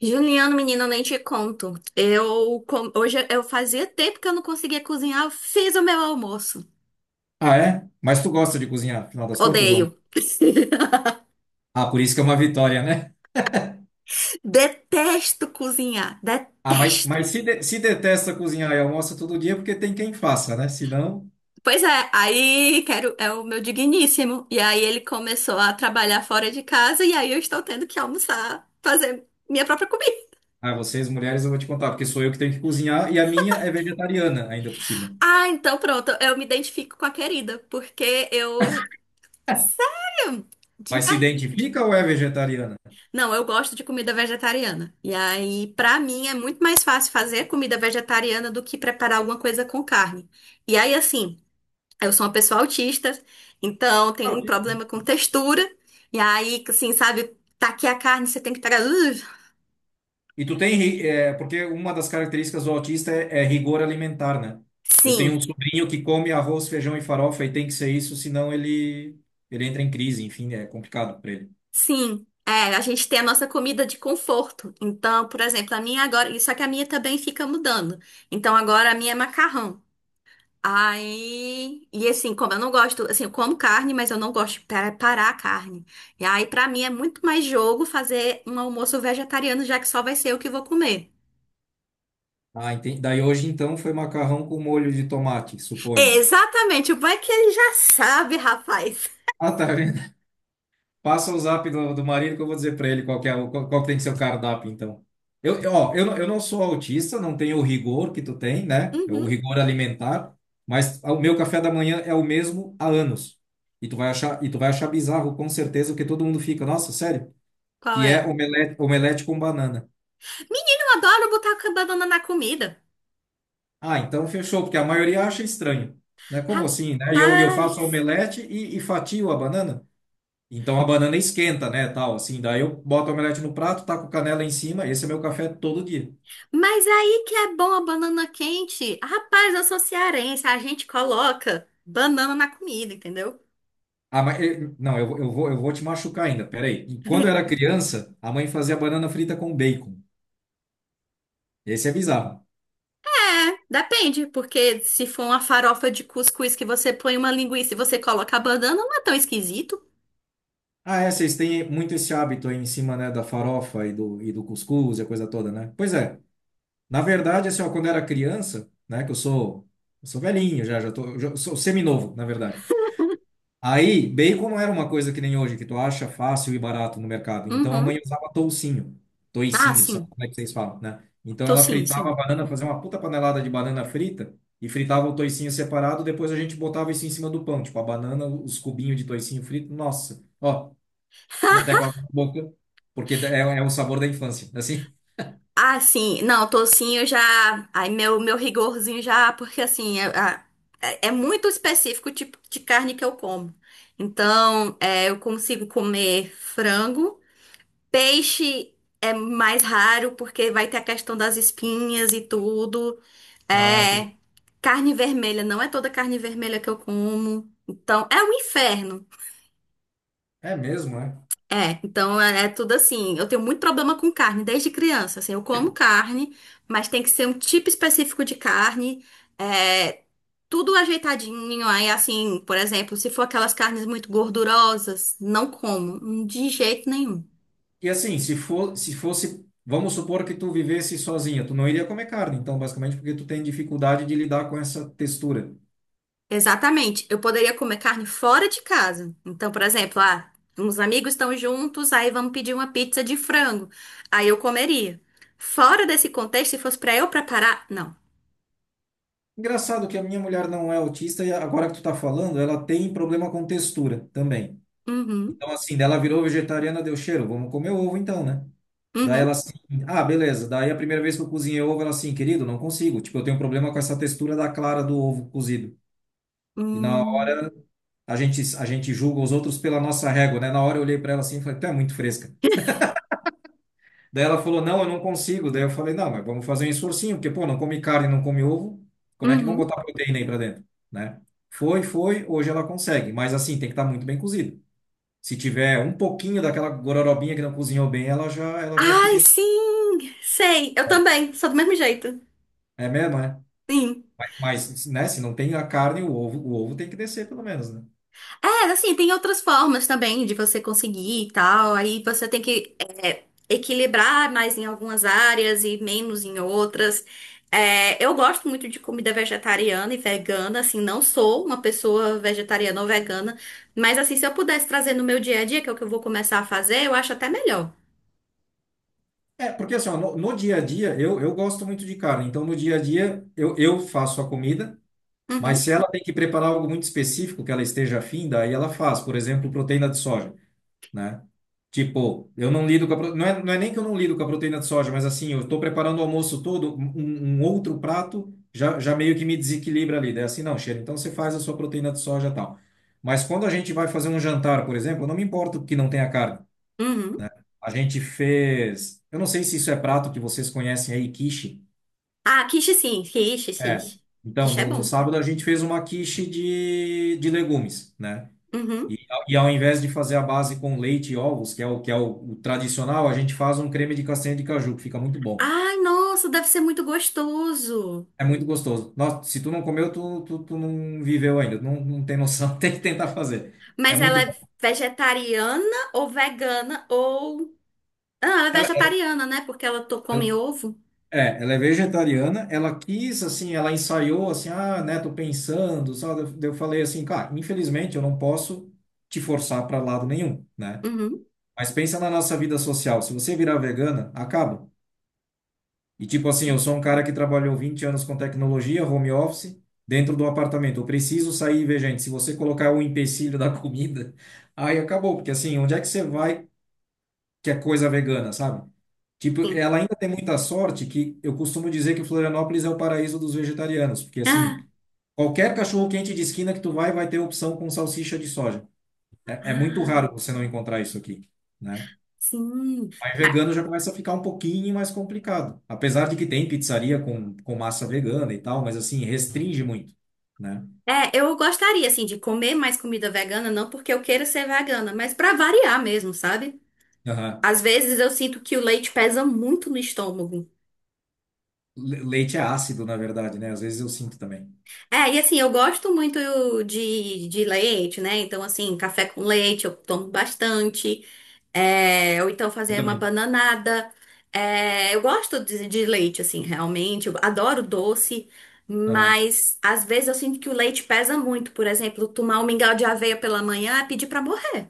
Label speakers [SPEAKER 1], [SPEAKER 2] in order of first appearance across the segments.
[SPEAKER 1] Juliano, menina, eu nem te conto. Hoje eu fazia tempo que eu não conseguia cozinhar, eu fiz o meu almoço.
[SPEAKER 2] Ah, é? Mas tu gosta de cozinhar, afinal das contas, ou
[SPEAKER 1] Odeio.
[SPEAKER 2] não? Ah, por isso que é uma vitória, né?
[SPEAKER 1] Detesto cozinhar,
[SPEAKER 2] Ah, mas,
[SPEAKER 1] detesto.
[SPEAKER 2] mas se, se detesta cozinhar e almoça todo dia, é porque tem quem faça, né? Se não,
[SPEAKER 1] Pois é, aí quero é o meu digníssimo. E aí ele começou a trabalhar fora de casa e aí eu estou tendo que almoçar, fazer minha própria comida.
[SPEAKER 2] ah, vocês mulheres eu vou te contar, porque sou eu que tenho que cozinhar e a minha é vegetariana ainda por cima.
[SPEAKER 1] Ah, então pronto, eu me identifico com a querida, porque eu, sim, de
[SPEAKER 2] Mas se
[SPEAKER 1] verdade.
[SPEAKER 2] identifica ou é vegetariana?
[SPEAKER 1] Não, eu gosto de comida vegetariana. E aí, pra mim, é muito mais fácil fazer comida vegetariana do que preparar alguma coisa com carne. E aí, assim, eu sou uma pessoa autista, então
[SPEAKER 2] É
[SPEAKER 1] tem um
[SPEAKER 2] autista.
[SPEAKER 1] problema com textura. E aí, assim, sabe, tá aqui a carne, você tem que pegar.
[SPEAKER 2] E tu tem, porque uma das características do autista é rigor alimentar, né? Eu tenho
[SPEAKER 1] Sim,
[SPEAKER 2] um sobrinho que come arroz, feijão e farofa e tem que ser isso, ele entra em crise, enfim, é complicado para ele.
[SPEAKER 1] sim. É, a gente tem a nossa comida de conforto. Então, por exemplo, a minha agora. Só que a minha também fica mudando. Então, agora a minha é macarrão. Aí, e assim, como eu não gosto, assim, eu como carne, mas eu não gosto de preparar a carne. E aí, pra mim, é muito mais jogo fazer um almoço vegetariano, já que só vai ser eu que vou comer.
[SPEAKER 2] Ah, entendi. Daí hoje então foi macarrão com molho de tomate, suponho.
[SPEAKER 1] Exatamente, o bom é que ele já sabe, rapaz.
[SPEAKER 2] Ah, tá vendo? Passa o zap do marido que eu vou dizer para ele qual que é, qual, qual que tem que ser o cardápio, então. Eu não sou autista, não tenho o rigor que tu tem, né? É o
[SPEAKER 1] Uhum,
[SPEAKER 2] rigor alimentar, mas o meu café da manhã é o mesmo há anos. E tu vai achar bizarro, com certeza, que todo mundo fica, nossa, sério?
[SPEAKER 1] qual
[SPEAKER 2] Que é
[SPEAKER 1] é?
[SPEAKER 2] omelete, omelete com banana.
[SPEAKER 1] Menino, eu adoro botar a banana na comida.
[SPEAKER 2] Ah, então fechou, porque a maioria acha estranho, né? Como assim, né? E eu faço
[SPEAKER 1] Rapaz,
[SPEAKER 2] omelete e fatio a banana? Então a banana esquenta, né, tal, assim. Daí eu boto a omelete no prato, taco canela em cima. Esse é meu café todo dia.
[SPEAKER 1] mas aí que é bom a banana quente. Rapaz, eu sou cearense, a gente coloca banana na comida, entendeu?
[SPEAKER 2] Ah, mas, não, eu vou te machucar ainda, peraí. E quando eu era criança, a mãe fazia banana frita com bacon. Esse é bizarro.
[SPEAKER 1] É, depende, porque se for uma farofa de cuscuz que você põe uma linguiça e você coloca a banana, não é tão esquisito.
[SPEAKER 2] Ah, é, vocês têm muito esse hábito aí em cima, né, da farofa e do cuscuz e a coisa toda, né? Pois é. Na verdade, assim, ó, quando eu era criança, né, que eu sou velhinho já, já tô, eu sou seminovo, na verdade. Aí, bacon não era uma coisa que nem hoje, que tu acha fácil e barato no mercado. Então a mãe
[SPEAKER 1] Uhum.
[SPEAKER 2] usava toucinho,
[SPEAKER 1] Ah,
[SPEAKER 2] toicinho, sei lá
[SPEAKER 1] sim.
[SPEAKER 2] como é que vocês falam, né? Então ela
[SPEAKER 1] Tocinho,
[SPEAKER 2] fritava a
[SPEAKER 1] sim.
[SPEAKER 2] banana, fazia uma puta panelada de banana frita e fritava o toicinho separado, depois a gente botava isso em cima do pão, tipo a banana, os cubinhos de toicinho frito. Nossa, ó, tô até com a boca, porque é, é o sabor da infância, assim.
[SPEAKER 1] Ah, sim. Não, tocinho já. Ai, meu rigorzinho já, porque assim, é, é muito específico o tipo de carne que eu como. Então, é, eu consigo comer frango. Peixe é mais raro, porque vai ter a questão das espinhas e tudo.
[SPEAKER 2] Ah, entendi.
[SPEAKER 1] É, carne vermelha, não é toda carne vermelha que eu como. Então, é um inferno.
[SPEAKER 2] É mesmo, é?
[SPEAKER 1] É, então é, é tudo assim. Eu tenho muito problema com carne desde criança. Assim, eu como carne, mas tem que ser um tipo específico de carne. É, tudo ajeitadinho. Aí, assim, por exemplo, se for aquelas carnes muito gordurosas, não como, de jeito nenhum.
[SPEAKER 2] E assim, se fosse, vamos supor que tu vivesse sozinha, tu não iria comer carne, então, basicamente, porque tu tem dificuldade de lidar com essa textura.
[SPEAKER 1] Exatamente. Eu poderia comer carne fora de casa. Então, por exemplo, ah, uns amigos estão juntos, aí vamos pedir uma pizza de frango. Aí eu comeria. Fora desse contexto, se fosse pra eu preparar, não.
[SPEAKER 2] Engraçado que a minha mulher não é autista e agora que tu tá falando, ela tem problema com textura também.
[SPEAKER 1] Uhum,
[SPEAKER 2] Então, assim, dela virou vegetariana, deu cheiro, vamos comer ovo então, né? Daí ela
[SPEAKER 1] uhum,
[SPEAKER 2] assim, ah, beleza. Daí a primeira vez que eu cozinhei ovo, ela assim, querido, não consigo. Tipo, eu tenho problema com essa textura da clara do ovo cozido. E na hora,
[SPEAKER 1] hum,
[SPEAKER 2] a gente julga os outros pela nossa régua, né? Na hora eu olhei para ela assim e falei, tu é muito fresca. Daí ela falou, não, eu não consigo. Daí eu falei, não, mas vamos fazer um esforcinho, porque, pô, não come carne, não come ovo, como é que vão
[SPEAKER 1] uhum.
[SPEAKER 2] botar proteína aí pra dentro, né? Hoje ela consegue, mas assim, tem que estar muito bem cozido. Se tiver um pouquinho daquela gororobinha que não cozinhou bem, ela já
[SPEAKER 1] Ai,
[SPEAKER 2] fica...
[SPEAKER 1] sim! Sei, eu também, sou do mesmo jeito.
[SPEAKER 2] É mesmo, é?
[SPEAKER 1] Sim.
[SPEAKER 2] Mas, né, se não tem a carne, o ovo tem que descer pelo menos, né?
[SPEAKER 1] É, assim, tem outras formas também de você conseguir e tal. Aí você tem que é, equilibrar mais em algumas áreas e menos em outras. É, eu gosto muito de comida vegetariana e vegana, assim, não sou uma pessoa vegetariana ou vegana, mas assim, se eu pudesse trazer no meu dia a dia, que é o que eu vou começar a fazer, eu acho até melhor.
[SPEAKER 2] É, porque assim, ó, no, no dia a dia, eu gosto muito de carne, então no dia a dia eu faço a comida. Mas
[SPEAKER 1] Uhum,
[SPEAKER 2] se ela tem que preparar algo muito específico que ela esteja afim, daí ela faz, por exemplo, proteína de soja, né? Tipo, eu não lido com a, não é, não é nem que eu não lido com a proteína de soja, mas assim, eu estou preparando o almoço todo, um outro prato já meio que me desequilibra ali. Daí assim, não, cheiro, então você faz a sua proteína de soja e tal. Mas quando a gente vai fazer um jantar, por exemplo, eu não me importo que não tenha carne.
[SPEAKER 1] uhum.
[SPEAKER 2] A gente fez, eu não sei se isso é prato que vocês conhecem aí, quiche.
[SPEAKER 1] Ah, quiche sim, quiche,
[SPEAKER 2] É.
[SPEAKER 1] quiche.
[SPEAKER 2] Então,
[SPEAKER 1] Quiche é
[SPEAKER 2] no
[SPEAKER 1] bom.
[SPEAKER 2] sábado a gente fez uma quiche de legumes, né? E,
[SPEAKER 1] Uhum.
[SPEAKER 2] e ao invés de fazer a base com leite e ovos, que é o que é o tradicional, a gente faz um creme de castanha de caju, que fica muito bom.
[SPEAKER 1] Ai, nossa, deve ser muito gostoso.
[SPEAKER 2] É muito gostoso. Nossa, se tu não comeu, tu não viveu ainda. Não, não tem noção. Tem que tentar fazer. É
[SPEAKER 1] Mas ela
[SPEAKER 2] muito
[SPEAKER 1] é
[SPEAKER 2] bom.
[SPEAKER 1] vegetariana ou vegana ou. Ah, ela é
[SPEAKER 2] Ela,
[SPEAKER 1] vegetariana, né? Porque ela come
[SPEAKER 2] ela-
[SPEAKER 1] ovo.
[SPEAKER 2] é, ela é vegetariana. Ela quis, assim, ela ensaiou, assim, ah, né, tô pensando, sabe? Daí eu falei assim, cara, infelizmente eu não posso te forçar para lado nenhum, né?
[SPEAKER 1] Uhum,
[SPEAKER 2] Mas pensa na nossa vida social. Se você virar vegana, acaba. E tipo assim, eu sou um cara que trabalhou 20 anos com tecnologia, home office, dentro do apartamento. Eu preciso sair e ver gente. Se você colocar o empecilho da comida, aí acabou. Porque assim, onde é que você vai que é coisa vegana, sabe? Tipo,
[SPEAKER 1] sim.
[SPEAKER 2] ela ainda tem muita sorte que eu costumo dizer que Florianópolis é o paraíso dos vegetarianos. Porque assim,
[SPEAKER 1] Ah,
[SPEAKER 2] qualquer cachorro-quente de esquina que tu vai, vai ter opção com salsicha de soja. É, é muito raro
[SPEAKER 1] ah,
[SPEAKER 2] você não encontrar isso aqui, né?
[SPEAKER 1] sim.
[SPEAKER 2] Aí
[SPEAKER 1] Ah,
[SPEAKER 2] vegano já começa a ficar um pouquinho mais complicado. Apesar de que tem pizzaria com massa vegana e tal, mas assim, restringe muito, né?
[SPEAKER 1] é, eu gostaria, assim, de comer mais comida vegana, não porque eu queira ser vegana, mas pra variar mesmo, sabe?
[SPEAKER 2] Aham.
[SPEAKER 1] Às vezes eu sinto que o leite pesa muito no estômago.
[SPEAKER 2] Leite é ácido, na verdade, né? Às vezes eu sinto também.
[SPEAKER 1] É, e assim, eu gosto muito de leite, né? Então, assim, café com leite eu tomo bastante. É, ou então
[SPEAKER 2] Eu
[SPEAKER 1] fazer uma
[SPEAKER 2] também.
[SPEAKER 1] bananada. É, eu gosto de leite, assim, realmente. Eu adoro doce,
[SPEAKER 2] Aham.
[SPEAKER 1] mas às vezes eu sinto que o leite pesa muito. Por exemplo, tomar um mingau de aveia pela manhã é pedir pra morrer.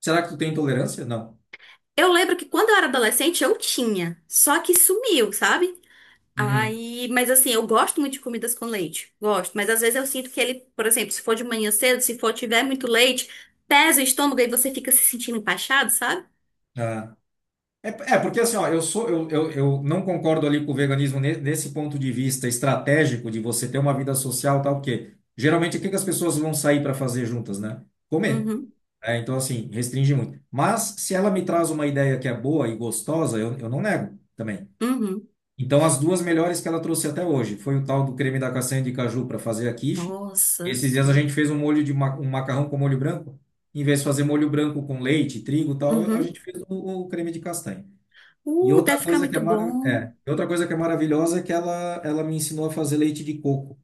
[SPEAKER 2] Será que tu tem intolerância? Não.
[SPEAKER 1] Eu lembro que quando eu era adolescente eu tinha, só que sumiu, sabe?
[SPEAKER 2] Uhum.
[SPEAKER 1] Aí, mas assim, eu gosto muito de comidas com leite, gosto, mas às vezes eu sinto que ele, por exemplo, se for de manhã cedo, se for tiver muito leite, pesa o estômago e você fica se sentindo empachado, sabe?
[SPEAKER 2] Aham. É, é, porque assim, ó, eu sou, eu não concordo ali com o veganismo nesse ponto de vista estratégico de você ter uma vida social, tal, porque geralmente o que que as pessoas vão sair para fazer juntas, né? Comer.
[SPEAKER 1] Uhum,
[SPEAKER 2] É, então, assim, restringe muito. Mas se ela me traz uma ideia que é boa e gostosa, eu não nego também.
[SPEAKER 1] uhum.
[SPEAKER 2] Então, as duas melhores que ela trouxe até hoje foi o tal do creme da castanha de caju para fazer a quiche.
[SPEAKER 1] Nossa.
[SPEAKER 2] Esses dias a gente fez um macarrão com molho branco. Em vez de fazer molho branco com leite, trigo e tal, a
[SPEAKER 1] Uhum.
[SPEAKER 2] gente fez o creme de castanha. E outra
[SPEAKER 1] Deve ficar
[SPEAKER 2] coisa que
[SPEAKER 1] muito
[SPEAKER 2] é,
[SPEAKER 1] bom.
[SPEAKER 2] é, e outra coisa que é maravilhosa é que ela me ensinou a fazer leite de coco.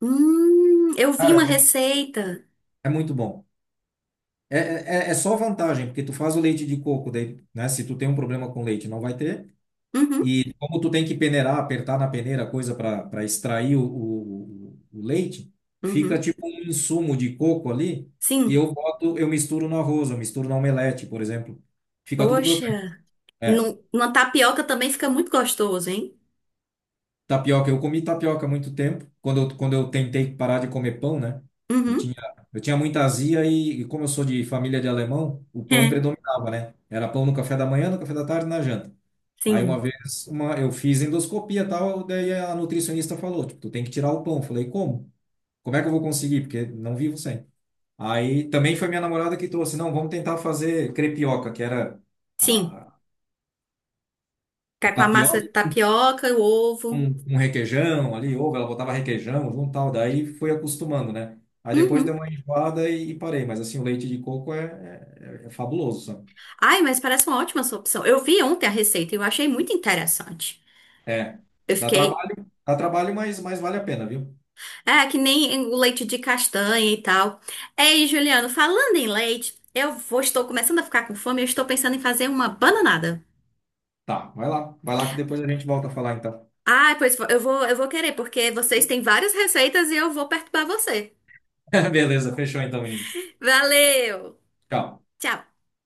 [SPEAKER 1] Eu vi
[SPEAKER 2] Cara,
[SPEAKER 1] uma
[SPEAKER 2] é,
[SPEAKER 1] receita.
[SPEAKER 2] é muito bom. É só vantagem, porque tu faz o leite de coco, daí, né? Se tu tem um problema com leite, não vai ter.
[SPEAKER 1] Uhum,
[SPEAKER 2] E como tu tem que peneirar, apertar na peneira, coisa para extrair o leite, fica
[SPEAKER 1] uhum.
[SPEAKER 2] tipo um insumo de coco ali, que
[SPEAKER 1] Sim.
[SPEAKER 2] eu boto, eu misturo no arroz, eu misturo na omelete, por exemplo. Fica tudo crocante.
[SPEAKER 1] Poxa,
[SPEAKER 2] É.
[SPEAKER 1] no, numa tapioca também fica muito gostoso, hein?
[SPEAKER 2] Tapioca, eu comi tapioca há muito tempo, quando eu tentei parar de comer pão, né? Eu
[SPEAKER 1] Uhum.
[SPEAKER 2] tinha, eu tinha muita azia e como eu sou de família de alemão, o pão
[SPEAKER 1] É.
[SPEAKER 2] predominava, né? Era pão no café da manhã, no café da tarde, e na janta. Aí uma
[SPEAKER 1] Sim,
[SPEAKER 2] vez uma, eu fiz endoscopia e tal, daí a nutricionista falou, tipo, tu tem que tirar o pão. Eu falei, como? Como é que eu vou conseguir? Porque não vivo sem. Aí também foi minha namorada que trouxe, não, vamos tentar fazer crepioca, que era
[SPEAKER 1] sim.
[SPEAKER 2] a a
[SPEAKER 1] Ficar com a massa de
[SPEAKER 2] tapioca
[SPEAKER 1] tapioca, o ovo.
[SPEAKER 2] um, um requeijão ali, ovo, ela botava requeijão junto, tal, daí fui acostumando, né? Aí depois deu
[SPEAKER 1] Uhum.
[SPEAKER 2] uma enjoada e parei, mas assim, o leite de coco é fabuloso, sabe?
[SPEAKER 1] Ai, mas parece uma ótima sua opção. Eu vi ontem a receita e eu achei muito interessante.
[SPEAKER 2] É,
[SPEAKER 1] Eu fiquei.
[SPEAKER 2] dá trabalho, mas vale a pena, viu?
[SPEAKER 1] É, que nem o leite de castanha e tal. Ei, Juliano, falando em leite, estou começando a ficar com fome, e eu estou pensando em fazer uma bananada.
[SPEAKER 2] Tá, vai lá que depois a gente volta a falar então.
[SPEAKER 1] Ah, pois eu vou querer, porque vocês têm várias receitas e eu vou perturbar você.
[SPEAKER 2] Beleza, fechou então, menino.
[SPEAKER 1] Valeu!
[SPEAKER 2] Tchau.
[SPEAKER 1] Tchau!